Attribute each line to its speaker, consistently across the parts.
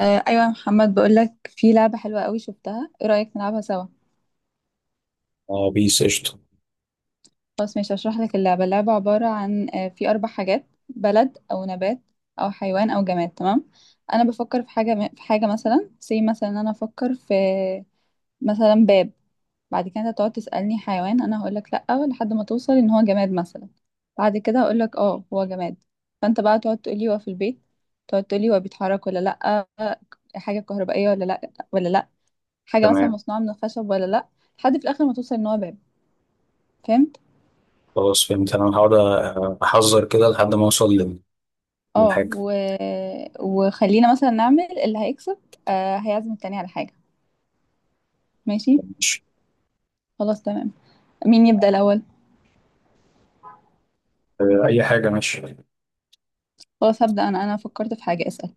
Speaker 1: ايوه يا محمد، بقولك في لعبه حلوه قوي شفتها. ايه رايك نلعبها سوا؟
Speaker 2: اه، بيس قشطة،
Speaker 1: خلاص ماشي، هشرح لك اللعبه عباره عن في 4 حاجات: بلد او نبات او حيوان او جماد، تمام. انا بفكر في حاجه، مثلا، زي مثلا انا افكر في مثلا باب. بعد كده انت تقعد تسالني حيوان، انا هقول لك لا لحد ما توصل ان هو جماد مثلا. بعد كده هقول لك اه، هو جماد. فانت بقى تقعد تقولي هو في البيت، تقعد تقولي هو بيتحرك ولا لا، حاجه كهربائيه ولا لا ولا لا، حاجة مثلا
Speaker 2: تمام.
Speaker 1: مصنوعة من الخشب ولا لأ، لحد في الآخر ما توصل إن هو باب. فهمت؟
Speaker 2: خلاص فهمت، انا هقعد احذر كده لحد ما اوصل
Speaker 1: اه
Speaker 2: للحاجة.
Speaker 1: و... وخلينا مثلا نعمل اللي هيكسب هيعزم التاني على حاجة، ماشي؟
Speaker 2: ماشي.
Speaker 1: خلاص تمام. مين يبدأ الأول؟
Speaker 2: اي حاجة ماشي.
Speaker 1: خلاص هبدأ أنا، فكرت في حاجة، اسأل.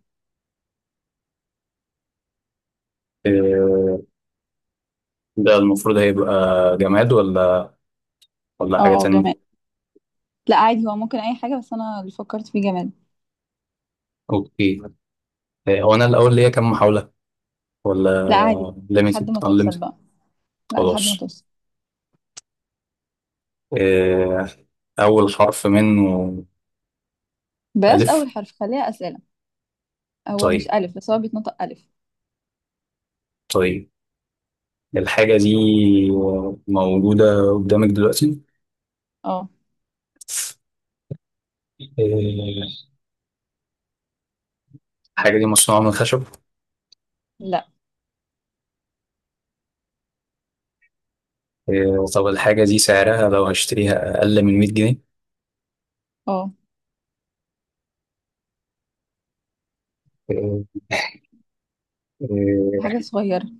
Speaker 2: آه، ده المفروض هيبقى جماد ولا حاجة
Speaker 1: اه،
Speaker 2: تانية؟
Speaker 1: جماد. لا، عادي هو ممكن أي حاجة، بس أنا اللي فكرت فيه جماد.
Speaker 2: اوكي. هو انا الاول ليا كام محاولة ولا؟
Speaker 1: لا، عادي بقى. لحد
Speaker 2: ليميتد
Speaker 1: ما توصل
Speaker 2: انليميتد؟
Speaker 1: بقى. لا، لحد ما
Speaker 2: خلاص.
Speaker 1: توصل.
Speaker 2: آه، اول حرف منه
Speaker 1: بلاش
Speaker 2: الف.
Speaker 1: أول حرف، خليها أسئلة. هو مش
Speaker 2: طيب،
Speaker 1: ألف بس هو بيتنطق ألف.
Speaker 2: طيب، الحاجة دي موجودة قدامك دلوقتي؟
Speaker 1: اه.
Speaker 2: آه، الحاجة دي مصنوعة من خشب؟
Speaker 1: لا.
Speaker 2: إيه. طب الحاجة دي سعرها لو هشتريها أقل من 100 جنيه؟
Speaker 1: اه.
Speaker 2: إيه،
Speaker 1: حاجة صغيرة.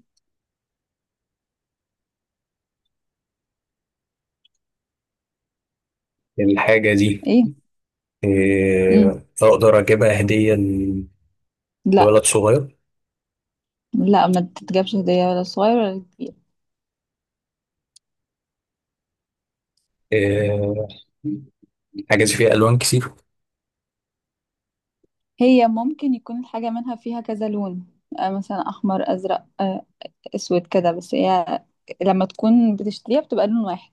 Speaker 2: إيه، الحاجة دي،
Speaker 1: ايه؟ مم.
Speaker 2: إيه، أقدر أجيبها هدية
Speaker 1: لا.
Speaker 2: لولد صغير؟
Speaker 1: لا، ما تتجابش هدية ولا صغير ولا كبير.
Speaker 2: إيه. الحاجة دي فيها ألوان كتير؟
Speaker 1: هي ممكن يكون الحاجة منها فيها كذا لون، مثلا أحمر، أزرق، أسود كده، بس هي لما تكون بتشتريها بتبقى لون واحد.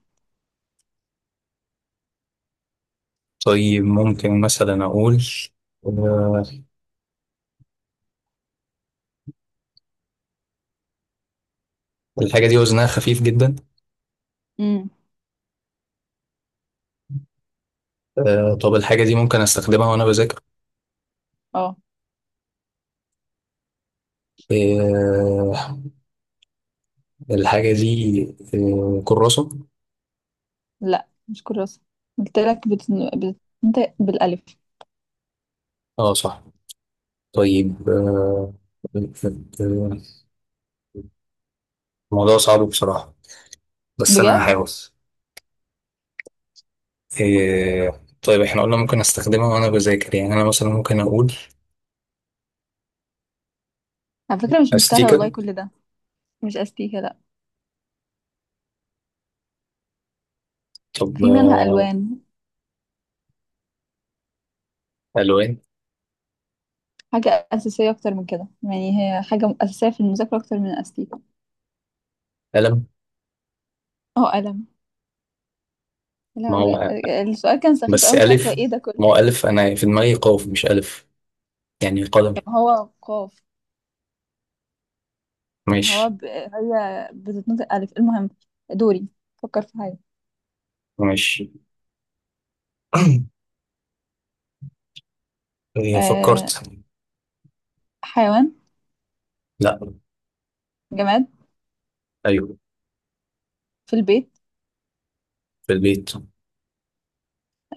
Speaker 2: طيب، ممكن مثلا أقول، آه، الحاجة دي وزنها خفيف جدا؟
Speaker 1: امم
Speaker 2: طب الحاجة دي ممكن أستخدمها وأنا بذاكر؟
Speaker 1: اه.
Speaker 2: آه، الحاجة دي كراسة؟
Speaker 1: لا، مش كراسة. قلت لك بتنطق بالألف.
Speaker 2: اه، صح. طيب، آه، آه، آه، الموضوع صعب بصراحة، بس انا
Speaker 1: بجد،
Speaker 2: هحاول. إيه. طيب، احنا قلنا ممكن استخدمها وانا بذاكر، يعني انا مثلا ممكن اقول
Speaker 1: على فكرة مش مستاهلة والله
Speaker 2: استيكر.
Speaker 1: كل ده. مش أستيكة، لا.
Speaker 2: طب.
Speaker 1: في منها ألوان.
Speaker 2: الوان.
Speaker 1: حاجة أساسية أكتر من كده، يعني هي حاجة أساسية في المذاكرة أكتر من أستيكة.
Speaker 2: قلم.
Speaker 1: اه، قلم.
Speaker 2: ما
Speaker 1: لا.
Speaker 2: هو
Speaker 1: السؤال كان سخيف
Speaker 2: بس
Speaker 1: أوي، مش عارفة
Speaker 2: الف،
Speaker 1: ايه ده كله.
Speaker 2: ما هو الف انا في دماغي قاف مش الف، يعني قلم.
Speaker 1: طب هو قاف.
Speaker 2: ماشي.
Speaker 1: هي بتتنطق ألف. المهم، دوري. فكر في حاجة.
Speaker 2: ماشي. إيه،
Speaker 1: أه...
Speaker 2: فكرت.
Speaker 1: حيوان.
Speaker 2: لا.
Speaker 1: جماد.
Speaker 2: ايوه،
Speaker 1: في البيت.
Speaker 2: في البيت.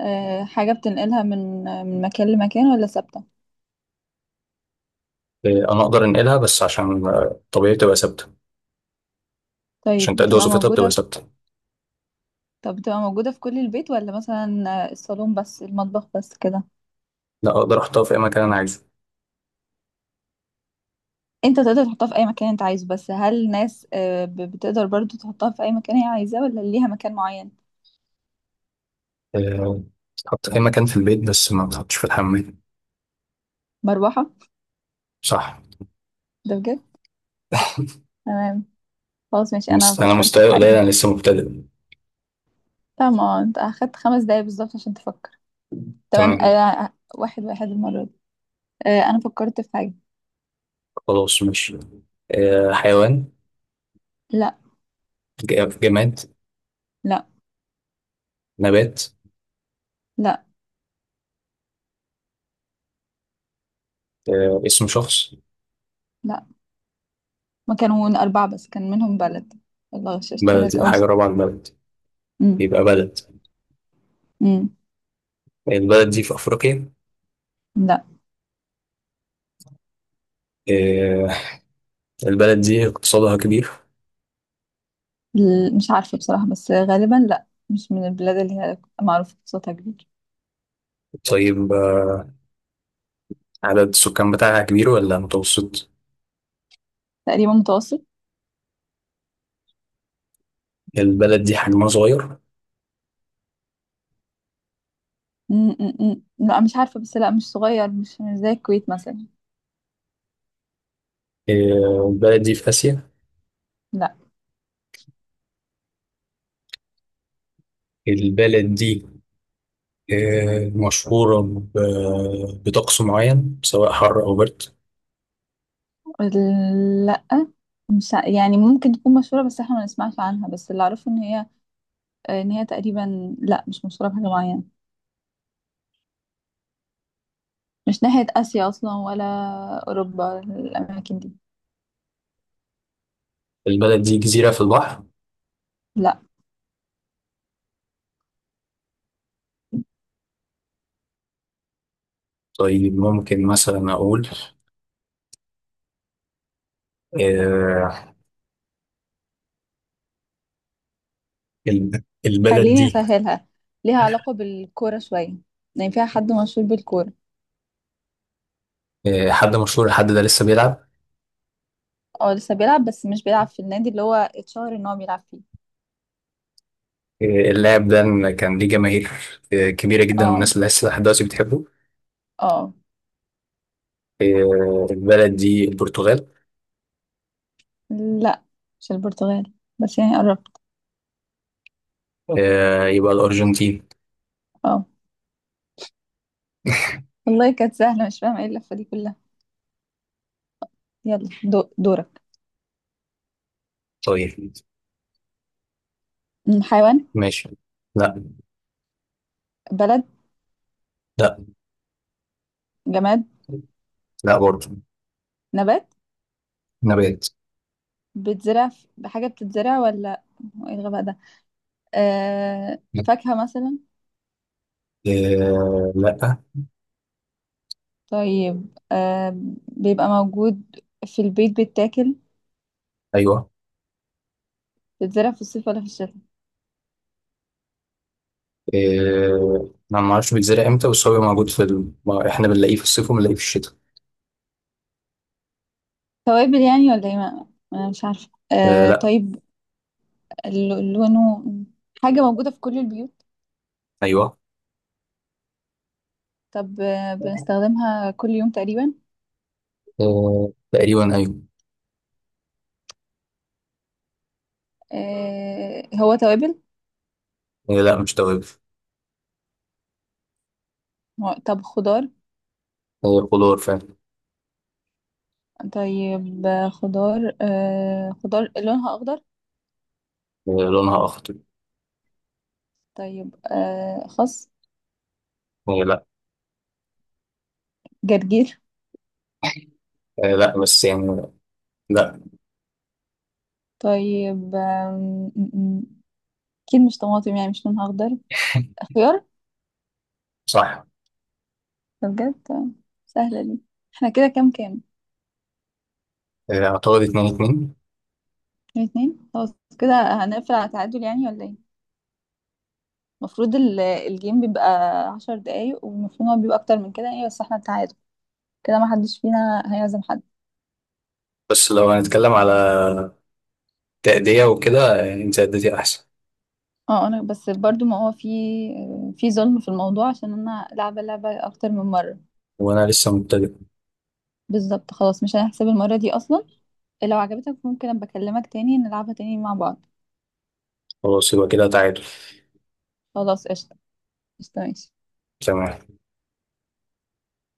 Speaker 1: حاجة بتنقلها من مكان لمكان ولا ثابتة؟
Speaker 2: إيه، انا اقدر انقلها بس عشان طبيعي تبقى ثابته. عشان
Speaker 1: طيب
Speaker 2: تأدي
Speaker 1: بتبقى
Speaker 2: وظيفتها
Speaker 1: موجودة
Speaker 2: بتبقى
Speaker 1: في...
Speaker 2: ثابته.
Speaker 1: طب بتبقى موجودة في كل البيت ولا مثلا الصالون بس، المطبخ بس كده؟
Speaker 2: لا، اقدر احطها في اي مكان انا عايزه.
Speaker 1: انت تقدر تحطها في اي مكان انت عايزه، بس هل الناس بتقدر برضو تحطها في اي مكان هي عايزاه ولا ليها مكان معين؟
Speaker 2: إيه، تحط في اي مكان في البيت بس ما تحطش في الحمام.
Speaker 1: مروحة.
Speaker 2: صح.
Speaker 1: ده بجد. تمام. خلاص ماشي، انا
Speaker 2: أنا
Speaker 1: فكرت في
Speaker 2: مستواي
Speaker 1: حاجة.
Speaker 2: قليل، أنا لسه مبتدئ.
Speaker 1: تمام، انت اخدت 5 دقايق بالظبط عشان تفكر. تمام.
Speaker 2: تمام.
Speaker 1: واحد واحد المرة دي. آه، أنا فكرت في حاجة.
Speaker 2: خلاص، ماشي. حيوان؟
Speaker 1: لا.
Speaker 2: جماد؟
Speaker 1: لا.
Speaker 2: نبات؟
Speaker 1: لا.
Speaker 2: اسم شخص؟
Speaker 1: لا، ما كانوا 4 بس كان منهم بلد. الله، غششت
Speaker 2: بلد،
Speaker 1: لك
Speaker 2: يبقى
Speaker 1: أول
Speaker 2: حاجة
Speaker 1: سؤال.
Speaker 2: رابعة البلد،
Speaker 1: أمم،
Speaker 2: يبقى بلد.
Speaker 1: أمم،
Speaker 2: البلد دي في أفريقيا؟
Speaker 1: لا.
Speaker 2: آه البلد دي اقتصادها كبير؟
Speaker 1: مش عارفة بصراحة، بس غالبا لا، مش من البلاد اللي هي معروفة بصوتها كبير.
Speaker 2: طيب. عدد السكان بتاعها كبير ولا متوسط؟
Speaker 1: تقريبا متوسط.
Speaker 2: البلد دي حجمها صغير؟
Speaker 1: أمم، أمم، أمم. لا مش عارفة، بس لا مش صغير، مش زي الكويت مثلا.
Speaker 2: البلد دي في آسيا؟
Speaker 1: لا.
Speaker 2: البلد دي مشهورة بطقس معين سواء حر أو برد؟
Speaker 1: لا، مش ع- يعني ممكن تكون مشهورة بس احنا ما نسمعش عنها، بس اللي أعرفه إن هي إن هي تقريبا لا، مش مشهورة بحاجة معينة. مش ناحية آسيا أصلا ولا أوروبا الأماكن دي.
Speaker 2: البلد دي جزيرة في البحر؟
Speaker 1: لا.
Speaker 2: طيب، ممكن مثلا أقول، آه، البلد
Speaker 1: خليني
Speaker 2: دي.
Speaker 1: أسهلها، ليها علاقة بالكورة شوية، يعني فيها حد مشهور بالكورة.
Speaker 2: حد مشهور، الحد ده لسه بيلعب؟
Speaker 1: اه لسه بيلعب، بس مش بيلعب في النادي اللي هو اتشهر ان هو بيلعب فيه.
Speaker 2: آه، اللاعب ده كان ليه جماهير كبيرة جدا،
Speaker 1: اه.
Speaker 2: والناس لسه لحد دلوقتي بتحبه؟
Speaker 1: اه.
Speaker 2: البلد دي البرتغال؟
Speaker 1: لا مش البرتغال، بس يعني قربت.
Speaker 2: يبقى الأرجنتين؟
Speaker 1: اه، والله كانت سهلة، مش فاهمة ايه اللفة دي كلها. يلا دورك.
Speaker 2: طيب.
Speaker 1: حيوان.
Speaker 2: ماشي. لا.
Speaker 1: بلد.
Speaker 2: لا.
Speaker 1: جماد.
Speaker 2: لا برضه.
Speaker 1: نبات.
Speaker 2: نبات.
Speaker 1: بحاجة بتتزرع ولا... هو ايه الغباء ده؟ آه، فاكهة مثلا.
Speaker 2: لا.
Speaker 1: طيب آه بيبقى موجود في البيت بيتاكل.
Speaker 2: ايوه.
Speaker 1: بيتزرع في الصيف ولا في الشتاء؟
Speaker 2: انا ما اعرفش بيتزرع امتى، بس هو موجود ما احنا بنلاقيه في الصيف وبنلاقيه في الشتاء.
Speaker 1: توابل يعني ولا ايه؟ انا مش عارفة. آه
Speaker 2: لا.
Speaker 1: طيب. لونه. حاجة موجودة في كل البيوت.
Speaker 2: ايوه.
Speaker 1: طب آه بنستخدمها كل يوم تقريبا.
Speaker 2: تقريبا أيوة.
Speaker 1: آه هو توابل.
Speaker 2: لا، مش توابل.
Speaker 1: طب خضار.
Speaker 2: خضار فعلا.
Speaker 1: طيب خضار. آه خضار لونها أخضر.
Speaker 2: لونها أخضر.
Speaker 1: طيب آه خس.
Speaker 2: لا.
Speaker 1: جرجير.
Speaker 2: لا، بس يعني. لا.
Speaker 1: طيب م- م- أكيد مش طماطم، يعني مش لونها أخضر. خيار.
Speaker 2: صح.
Speaker 1: ده بجد. سهلة دي. احنا كده كام كام؟
Speaker 2: أعتقد 2-2.
Speaker 1: 2-2، خلاص كده. هنقفل على تعادل يعني ولا ايه؟ المفروض الجيم بيبقى 10 دقايق، والمفروض هو بيبقى اكتر من كده يعني، بس احنا تعادل كده، ما حدش فينا هيعزم حد.
Speaker 2: بس لو هنتكلم على تأدية وكده، أنت أديتي أحسن.
Speaker 1: اه، انا بس برضو ما هو في ظلم في الموضوع، عشان انا لعبة لعبة اكتر من مرة.
Speaker 2: وأنا لسه مبتدئ.
Speaker 1: بالظبط، خلاص مش هنحسب المرة دي اصلا. لو عجبتك ممكن ابقى اكلمك تاني نلعبها تاني مع بعض.
Speaker 2: خلاص، يبقى كده تعادل.
Speaker 1: خلاص قشطة. قشطة ماشي.
Speaker 2: تمام.